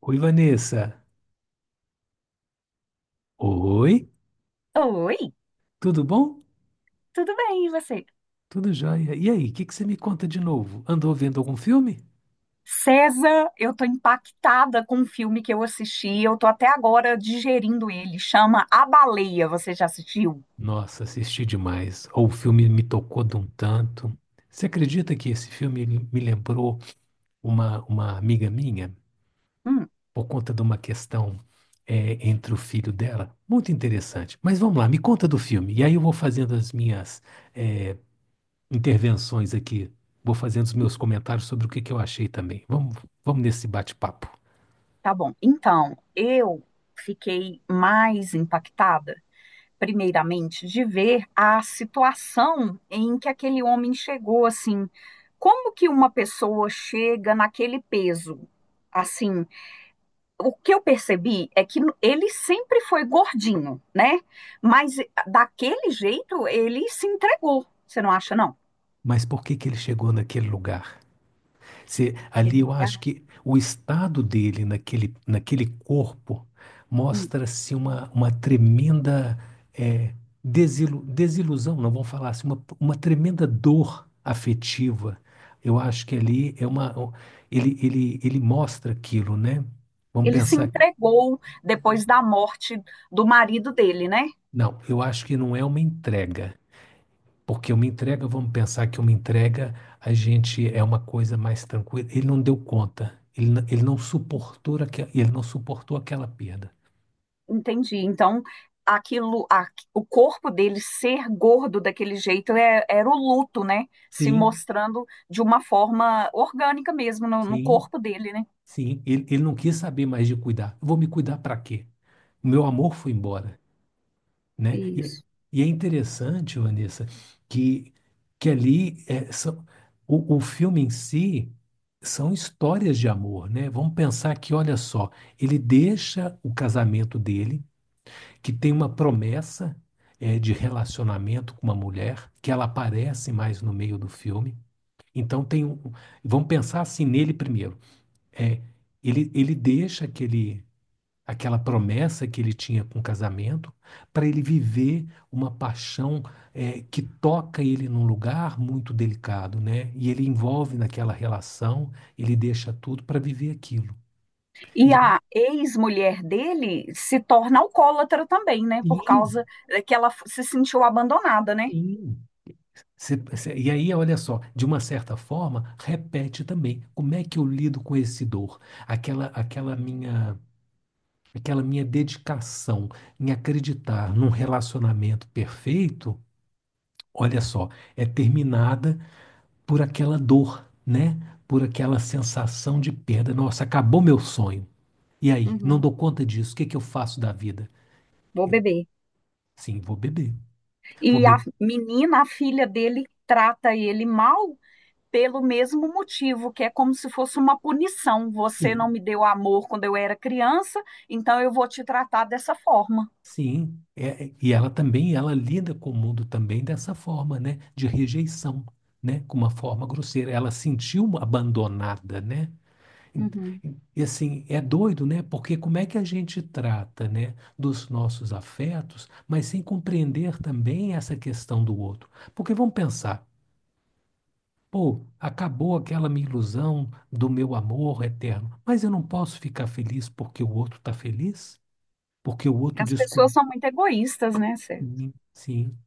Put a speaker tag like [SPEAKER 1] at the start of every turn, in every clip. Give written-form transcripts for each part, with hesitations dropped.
[SPEAKER 1] Oi, Vanessa. Oi,
[SPEAKER 2] Oi,
[SPEAKER 1] tudo bom?
[SPEAKER 2] tudo bem, e você?
[SPEAKER 1] Tudo jóia. E aí, o que que você me conta de novo? Andou vendo algum filme?
[SPEAKER 2] César, eu tô impactada com um filme que eu assisti, eu tô até agora digerindo ele, chama A Baleia, você já assistiu?
[SPEAKER 1] Nossa, assisti demais. O filme me tocou de um tanto. Você acredita que esse filme ele me lembrou uma amiga minha
[SPEAKER 2] Hum,
[SPEAKER 1] por conta de uma questão entre o filho dela? Muito interessante. Mas vamos lá, me conta do filme. E aí eu vou fazendo as minhas é, intervenções aqui. Vou fazendo os meus comentários sobre o que que eu achei também. Vamos nesse bate-papo.
[SPEAKER 2] tá bom. Então, eu fiquei mais impactada, primeiramente, de ver a situação em que aquele homem chegou, assim, como que uma pessoa chega naquele peso? Assim, o que eu percebi é que ele sempre foi gordinho, né? Mas daquele jeito ele se entregou. Você não acha, não?
[SPEAKER 1] Mas por que que ele chegou naquele lugar? Se ali
[SPEAKER 2] Aquele
[SPEAKER 1] eu
[SPEAKER 2] lugar?
[SPEAKER 1] acho que o estado dele naquele corpo
[SPEAKER 2] Hum.
[SPEAKER 1] mostra-se uma tremenda eh, desilusão, não vamos falar assim, uma tremenda dor afetiva. Eu acho que ali é uma ele mostra aquilo, né? Vamos
[SPEAKER 2] Ele se
[SPEAKER 1] pensar,
[SPEAKER 2] entregou depois da morte do marido dele, né?
[SPEAKER 1] não, eu acho que não é uma entrega. Porque uma entrega, vamos pensar que uma entrega a gente é uma coisa mais tranquila. Ele não deu conta, ele não suportou aquela perda.
[SPEAKER 2] Entendi. Então, aquilo, o corpo dele ser gordo daquele jeito era o luto, né? Se
[SPEAKER 1] Sim,
[SPEAKER 2] mostrando de uma forma orgânica mesmo no
[SPEAKER 1] sim,
[SPEAKER 2] corpo dele, né?
[SPEAKER 1] sim. Ele não quis saber mais de cuidar. Eu vou me cuidar para quê? O meu amor foi embora, né? E, é
[SPEAKER 2] Isso.
[SPEAKER 1] e é interessante, Vanessa, que, que ali são, o filme em si são histórias de amor, né? Vamos pensar que, olha só, ele deixa o casamento dele que tem uma promessa de relacionamento com uma mulher, que ela aparece mais no meio do filme. Então tem um, vamos pensar assim nele primeiro. É, ele deixa aquela promessa que ele tinha com o casamento para ele viver uma paixão que toca ele num lugar muito delicado, né? E ele envolve naquela relação, ele deixa tudo para viver aquilo.
[SPEAKER 2] E
[SPEAKER 1] E
[SPEAKER 2] a ex-mulher dele se torna alcoólatra também, né? Por causa
[SPEAKER 1] sim,
[SPEAKER 2] que ela se sentiu abandonada, né?
[SPEAKER 1] sim. E aí, olha só, de uma certa forma, repete também. Como é que eu lido com esse dor? Aquela, aquela minha, aquela minha dedicação em acreditar num relacionamento perfeito, olha só, é terminada por aquela dor, né? Por aquela sensação de perda. Nossa, acabou meu sonho. E aí, não
[SPEAKER 2] Uhum,
[SPEAKER 1] dou conta disso. O que que eu faço da vida?
[SPEAKER 2] vou
[SPEAKER 1] Eu,
[SPEAKER 2] beber.
[SPEAKER 1] sim, vou beber. Vou
[SPEAKER 2] E a
[SPEAKER 1] beber.
[SPEAKER 2] menina, a filha dele, trata ele mal pelo mesmo motivo, que é como se fosse uma punição. Você não
[SPEAKER 1] Sim.
[SPEAKER 2] me deu amor quando eu era criança, então eu vou te tratar dessa forma.
[SPEAKER 1] Sim, e ela também, ela lida com o mundo também dessa forma, né? De rejeição, né? Com uma forma grosseira. Ela sentiu abandonada, né? E
[SPEAKER 2] Uhum.
[SPEAKER 1] e, assim, é doido, né? Porque como é que a gente trata, né, dos nossos afetos, mas sem compreender também essa questão do outro? Porque vamos pensar, pô, acabou aquela minha ilusão do meu amor eterno, mas eu não posso ficar feliz porque o outro está feliz? Porque o outro
[SPEAKER 2] As pessoas
[SPEAKER 1] descobriu.
[SPEAKER 2] são muito egoístas, né, Cê?
[SPEAKER 1] Sim.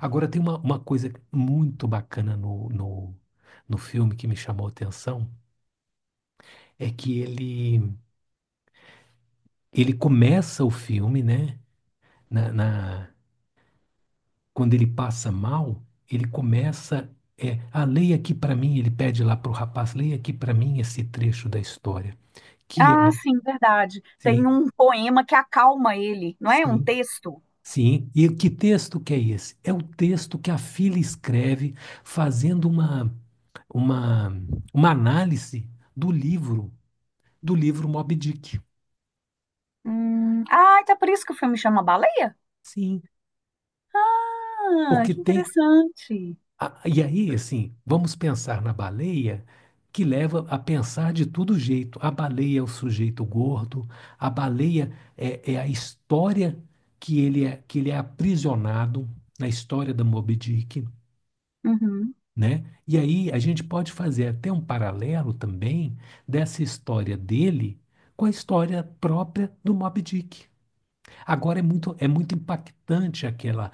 [SPEAKER 1] Agora tem uma coisa muito bacana no filme que me chamou a atenção, é que ele começa o filme, né? Na, na- quando ele passa mal, ele começa. Leia aqui para mim, ele pede lá para o rapaz, leia aqui para mim esse trecho da história. Que
[SPEAKER 2] Ah,
[SPEAKER 1] é,
[SPEAKER 2] sim, verdade. Tem
[SPEAKER 1] sim,
[SPEAKER 2] um poema que acalma ele, não é? Um
[SPEAKER 1] sim,
[SPEAKER 2] texto.
[SPEAKER 1] sim. E que texto que é esse? É o texto que a filha escreve fazendo uma, uma análise do livro do livro Moby Dick.
[SPEAKER 2] Ah, então é por isso que o filme chama Baleia?
[SPEAKER 1] Sim.
[SPEAKER 2] Ah,
[SPEAKER 1] Porque
[SPEAKER 2] que
[SPEAKER 1] tem.
[SPEAKER 2] interessante.
[SPEAKER 1] E aí, assim, vamos pensar na baleia, que leva a pensar de todo jeito. A baleia é o sujeito gordo, a baleia é a história que ele é aprisionado na história da Moby Dick,
[SPEAKER 2] Uhum.
[SPEAKER 1] né? E aí a gente pode fazer até um paralelo também dessa história dele com a história própria do Moby Dick. Agora é muito impactante aquela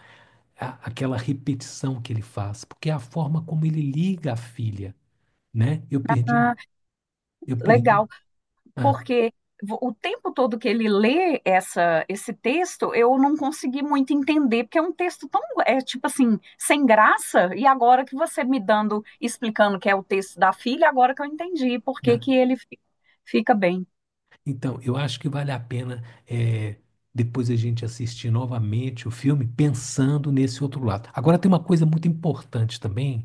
[SPEAKER 1] a- aquela repetição que ele faz, porque é a forma como ele liga a filha, né? Eu perdi,
[SPEAKER 2] Ah,
[SPEAKER 1] eu perdi.
[SPEAKER 2] legal,
[SPEAKER 1] Ah,
[SPEAKER 2] porque o tempo todo que ele lê esse texto, eu não consegui muito entender, porque é um texto tão, é tipo assim, sem graça, e agora que você me dando, explicando que é o texto da filha, agora que eu entendi por que
[SPEAKER 1] né?
[SPEAKER 2] que ele fica bem.
[SPEAKER 1] Então, eu acho que vale a pena é, depois a gente assistir novamente o filme pensando nesse outro lado. Agora tem uma coisa muito importante também,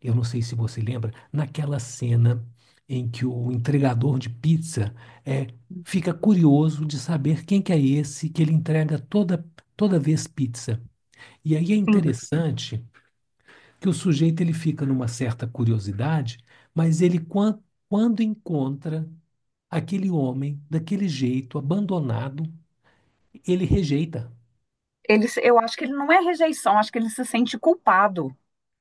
[SPEAKER 1] eu não sei se você lembra, naquela cena em que o entregador de pizza é, fica curioso de saber quem que é esse que ele entrega toda vez pizza. E aí é
[SPEAKER 2] Sim,
[SPEAKER 1] interessante que o sujeito ele fica numa certa curiosidade, mas quando encontra aquele homem daquele jeito abandonado, ele rejeita.
[SPEAKER 2] ele, eu acho que ele não é rejeição, acho que ele se sente culpado,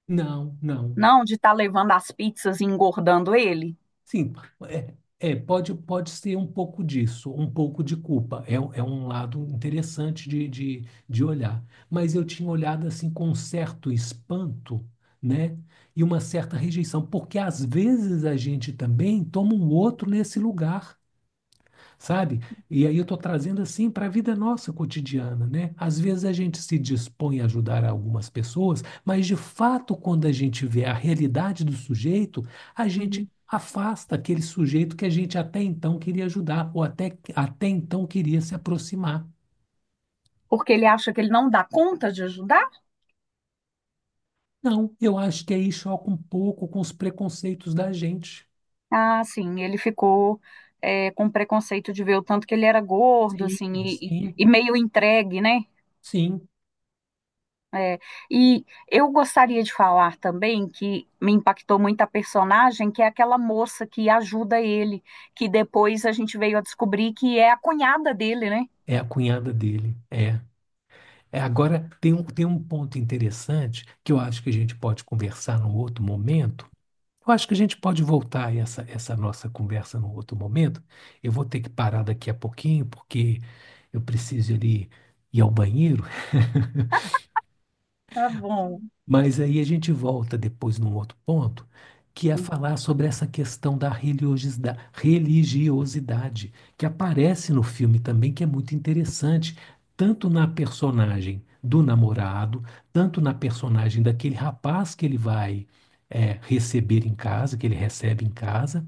[SPEAKER 1] Não, não.
[SPEAKER 2] não, de estar levando as pizzas e engordando ele.
[SPEAKER 1] Sim, pode ser um pouco disso, um pouco de culpa. É é um lado interessante de olhar. Mas eu tinha olhado assim com um certo espanto, né? E uma certa rejeição, porque às vezes a gente também toma um outro nesse lugar sabe? E aí eu estou trazendo assim para a vida nossa cotidiana, né? Às vezes a gente se dispõe a ajudar algumas pessoas, mas de fato, quando a gente vê a realidade do sujeito, a gente
[SPEAKER 2] Uhum.
[SPEAKER 1] afasta aquele sujeito que a gente até então queria ajudar, ou até então queria se aproximar.
[SPEAKER 2] Porque ele acha que ele não dá conta de ajudar?
[SPEAKER 1] Não, eu acho que aí choca um pouco com os preconceitos da gente.
[SPEAKER 2] Ah, sim, ele ficou é, com preconceito de ver o tanto que ele era gordo,
[SPEAKER 1] Sim,
[SPEAKER 2] assim,
[SPEAKER 1] sim,
[SPEAKER 2] e meio entregue, né?
[SPEAKER 1] sim.
[SPEAKER 2] É, e eu gostaria de falar também que me impactou muito a personagem, que é aquela moça que ajuda ele, que depois a gente veio a descobrir que é a cunhada dele, né?
[SPEAKER 1] É a cunhada dele. É. Agora, tem um ponto interessante que eu acho que a gente pode conversar num outro momento. Eu acho que a gente pode voltar a essa nossa conversa num outro momento. Eu vou ter que parar daqui a pouquinho, porque eu preciso ali ir ao banheiro.
[SPEAKER 2] Tá bom.
[SPEAKER 1] Mas aí a gente volta depois num outro ponto, que é falar sobre essa questão da religiosidade, que aparece no filme também, que é muito interessante, tanto na personagem do namorado, tanto na personagem daquele rapaz que ele vai, receber em casa, que ele recebe em casa,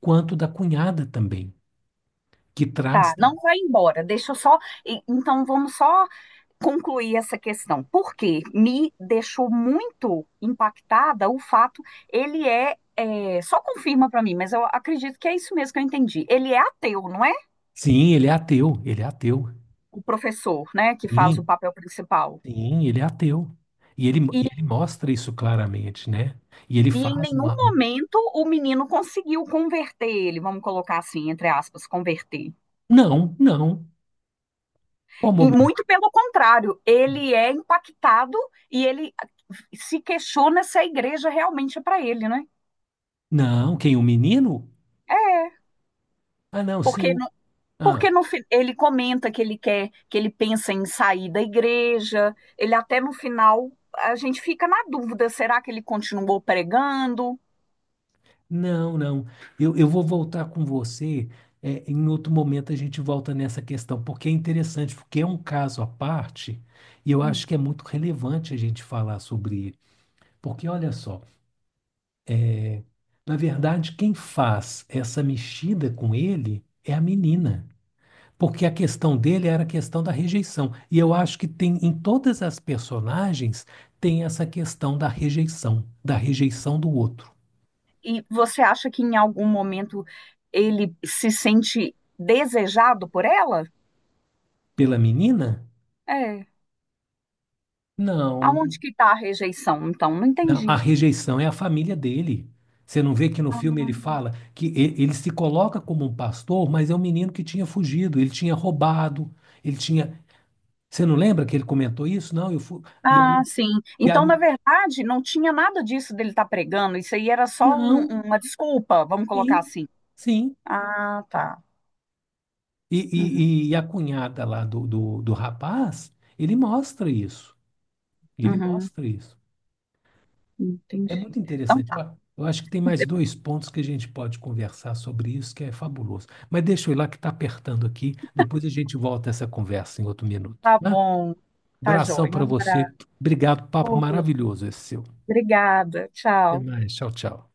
[SPEAKER 1] quanto da cunhada também, que traz.
[SPEAKER 2] Tá, não vai embora, deixa eu só. Então vamos só concluir essa questão, porque me deixou muito impactada o fato, ele é, é, só confirma para mim, mas eu acredito que é isso mesmo que eu entendi. Ele é ateu, não é?
[SPEAKER 1] Sim, ele é ateu, ele é ateu.
[SPEAKER 2] O professor, né, que faz o
[SPEAKER 1] Sim.
[SPEAKER 2] papel principal.
[SPEAKER 1] Sim, ele é ateu. E ele,
[SPEAKER 2] E,
[SPEAKER 1] e ele mostra isso claramente, né? E ele
[SPEAKER 2] e em
[SPEAKER 1] faz
[SPEAKER 2] nenhum
[SPEAKER 1] uma.
[SPEAKER 2] momento o menino conseguiu converter ele, vamos colocar assim, entre aspas, converter.
[SPEAKER 1] Não, não. Qual
[SPEAKER 2] E
[SPEAKER 1] momento?
[SPEAKER 2] muito pelo contrário, ele é impactado e ele se questiona se a igreja realmente é para ele, né?
[SPEAKER 1] Não, quem? O menino?
[SPEAKER 2] É,
[SPEAKER 1] Ah, não, sim.
[SPEAKER 2] porque
[SPEAKER 1] O... Ah,
[SPEAKER 2] Porque no, fi- ele comenta que ele quer, que ele pensa em sair da igreja. Ele até no final, a gente fica na dúvida, será que ele continuou pregando?
[SPEAKER 1] não, não. Eu vou voltar com você. É, em outro momento a gente volta nessa questão, porque é interessante, porque é um caso à parte, e eu
[SPEAKER 2] Hum.
[SPEAKER 1] acho que é muito relevante a gente falar sobre ele. Porque olha só, na verdade, quem faz essa mexida com ele é a menina. Porque a questão dele era a questão da rejeição. E eu acho que tem em todas as personagens tem essa questão da rejeição do outro.
[SPEAKER 2] E você acha que em algum momento ele se sente desejado por ela?
[SPEAKER 1] Pela menina?
[SPEAKER 2] É.
[SPEAKER 1] Não.
[SPEAKER 2] Aonde que está a rejeição? Então, não
[SPEAKER 1] Não, a
[SPEAKER 2] entendi.
[SPEAKER 1] rejeição é a família dele. Você não vê que no filme ele fala que ele se coloca como um pastor, mas é um menino que tinha fugido, ele tinha roubado, ele tinha. Você não lembra que ele comentou isso? Não, eu fui. E aí,
[SPEAKER 2] Ah, sim.
[SPEAKER 1] e a...
[SPEAKER 2] Então, na verdade, não tinha nada disso dele estar pregando. Isso aí era só
[SPEAKER 1] Não,
[SPEAKER 2] uma desculpa, vamos colocar
[SPEAKER 1] sim,
[SPEAKER 2] assim.
[SPEAKER 1] sim.
[SPEAKER 2] Ah, tá.
[SPEAKER 1] E,
[SPEAKER 2] Uhum,
[SPEAKER 1] e, e a cunhada lá do rapaz, ele mostra isso. Ele
[SPEAKER 2] uhum.
[SPEAKER 1] mostra isso. É
[SPEAKER 2] Entendi.
[SPEAKER 1] muito
[SPEAKER 2] Então
[SPEAKER 1] interessante.
[SPEAKER 2] tá.
[SPEAKER 1] Ó, eu acho que tem mais dois pontos que a gente pode conversar sobre isso, que é fabuloso. Mas deixa eu ir lá que está apertando aqui. Depois a gente volta essa conversa em outro minuto,
[SPEAKER 2] Tá
[SPEAKER 1] né?
[SPEAKER 2] bom. Tá
[SPEAKER 1] Abração
[SPEAKER 2] joia. Um
[SPEAKER 1] para você.
[SPEAKER 2] abraço.
[SPEAKER 1] Obrigado, papo maravilhoso esse seu.
[SPEAKER 2] Obrigada.
[SPEAKER 1] Até
[SPEAKER 2] Tchau.
[SPEAKER 1] mais. Tchau, tchau.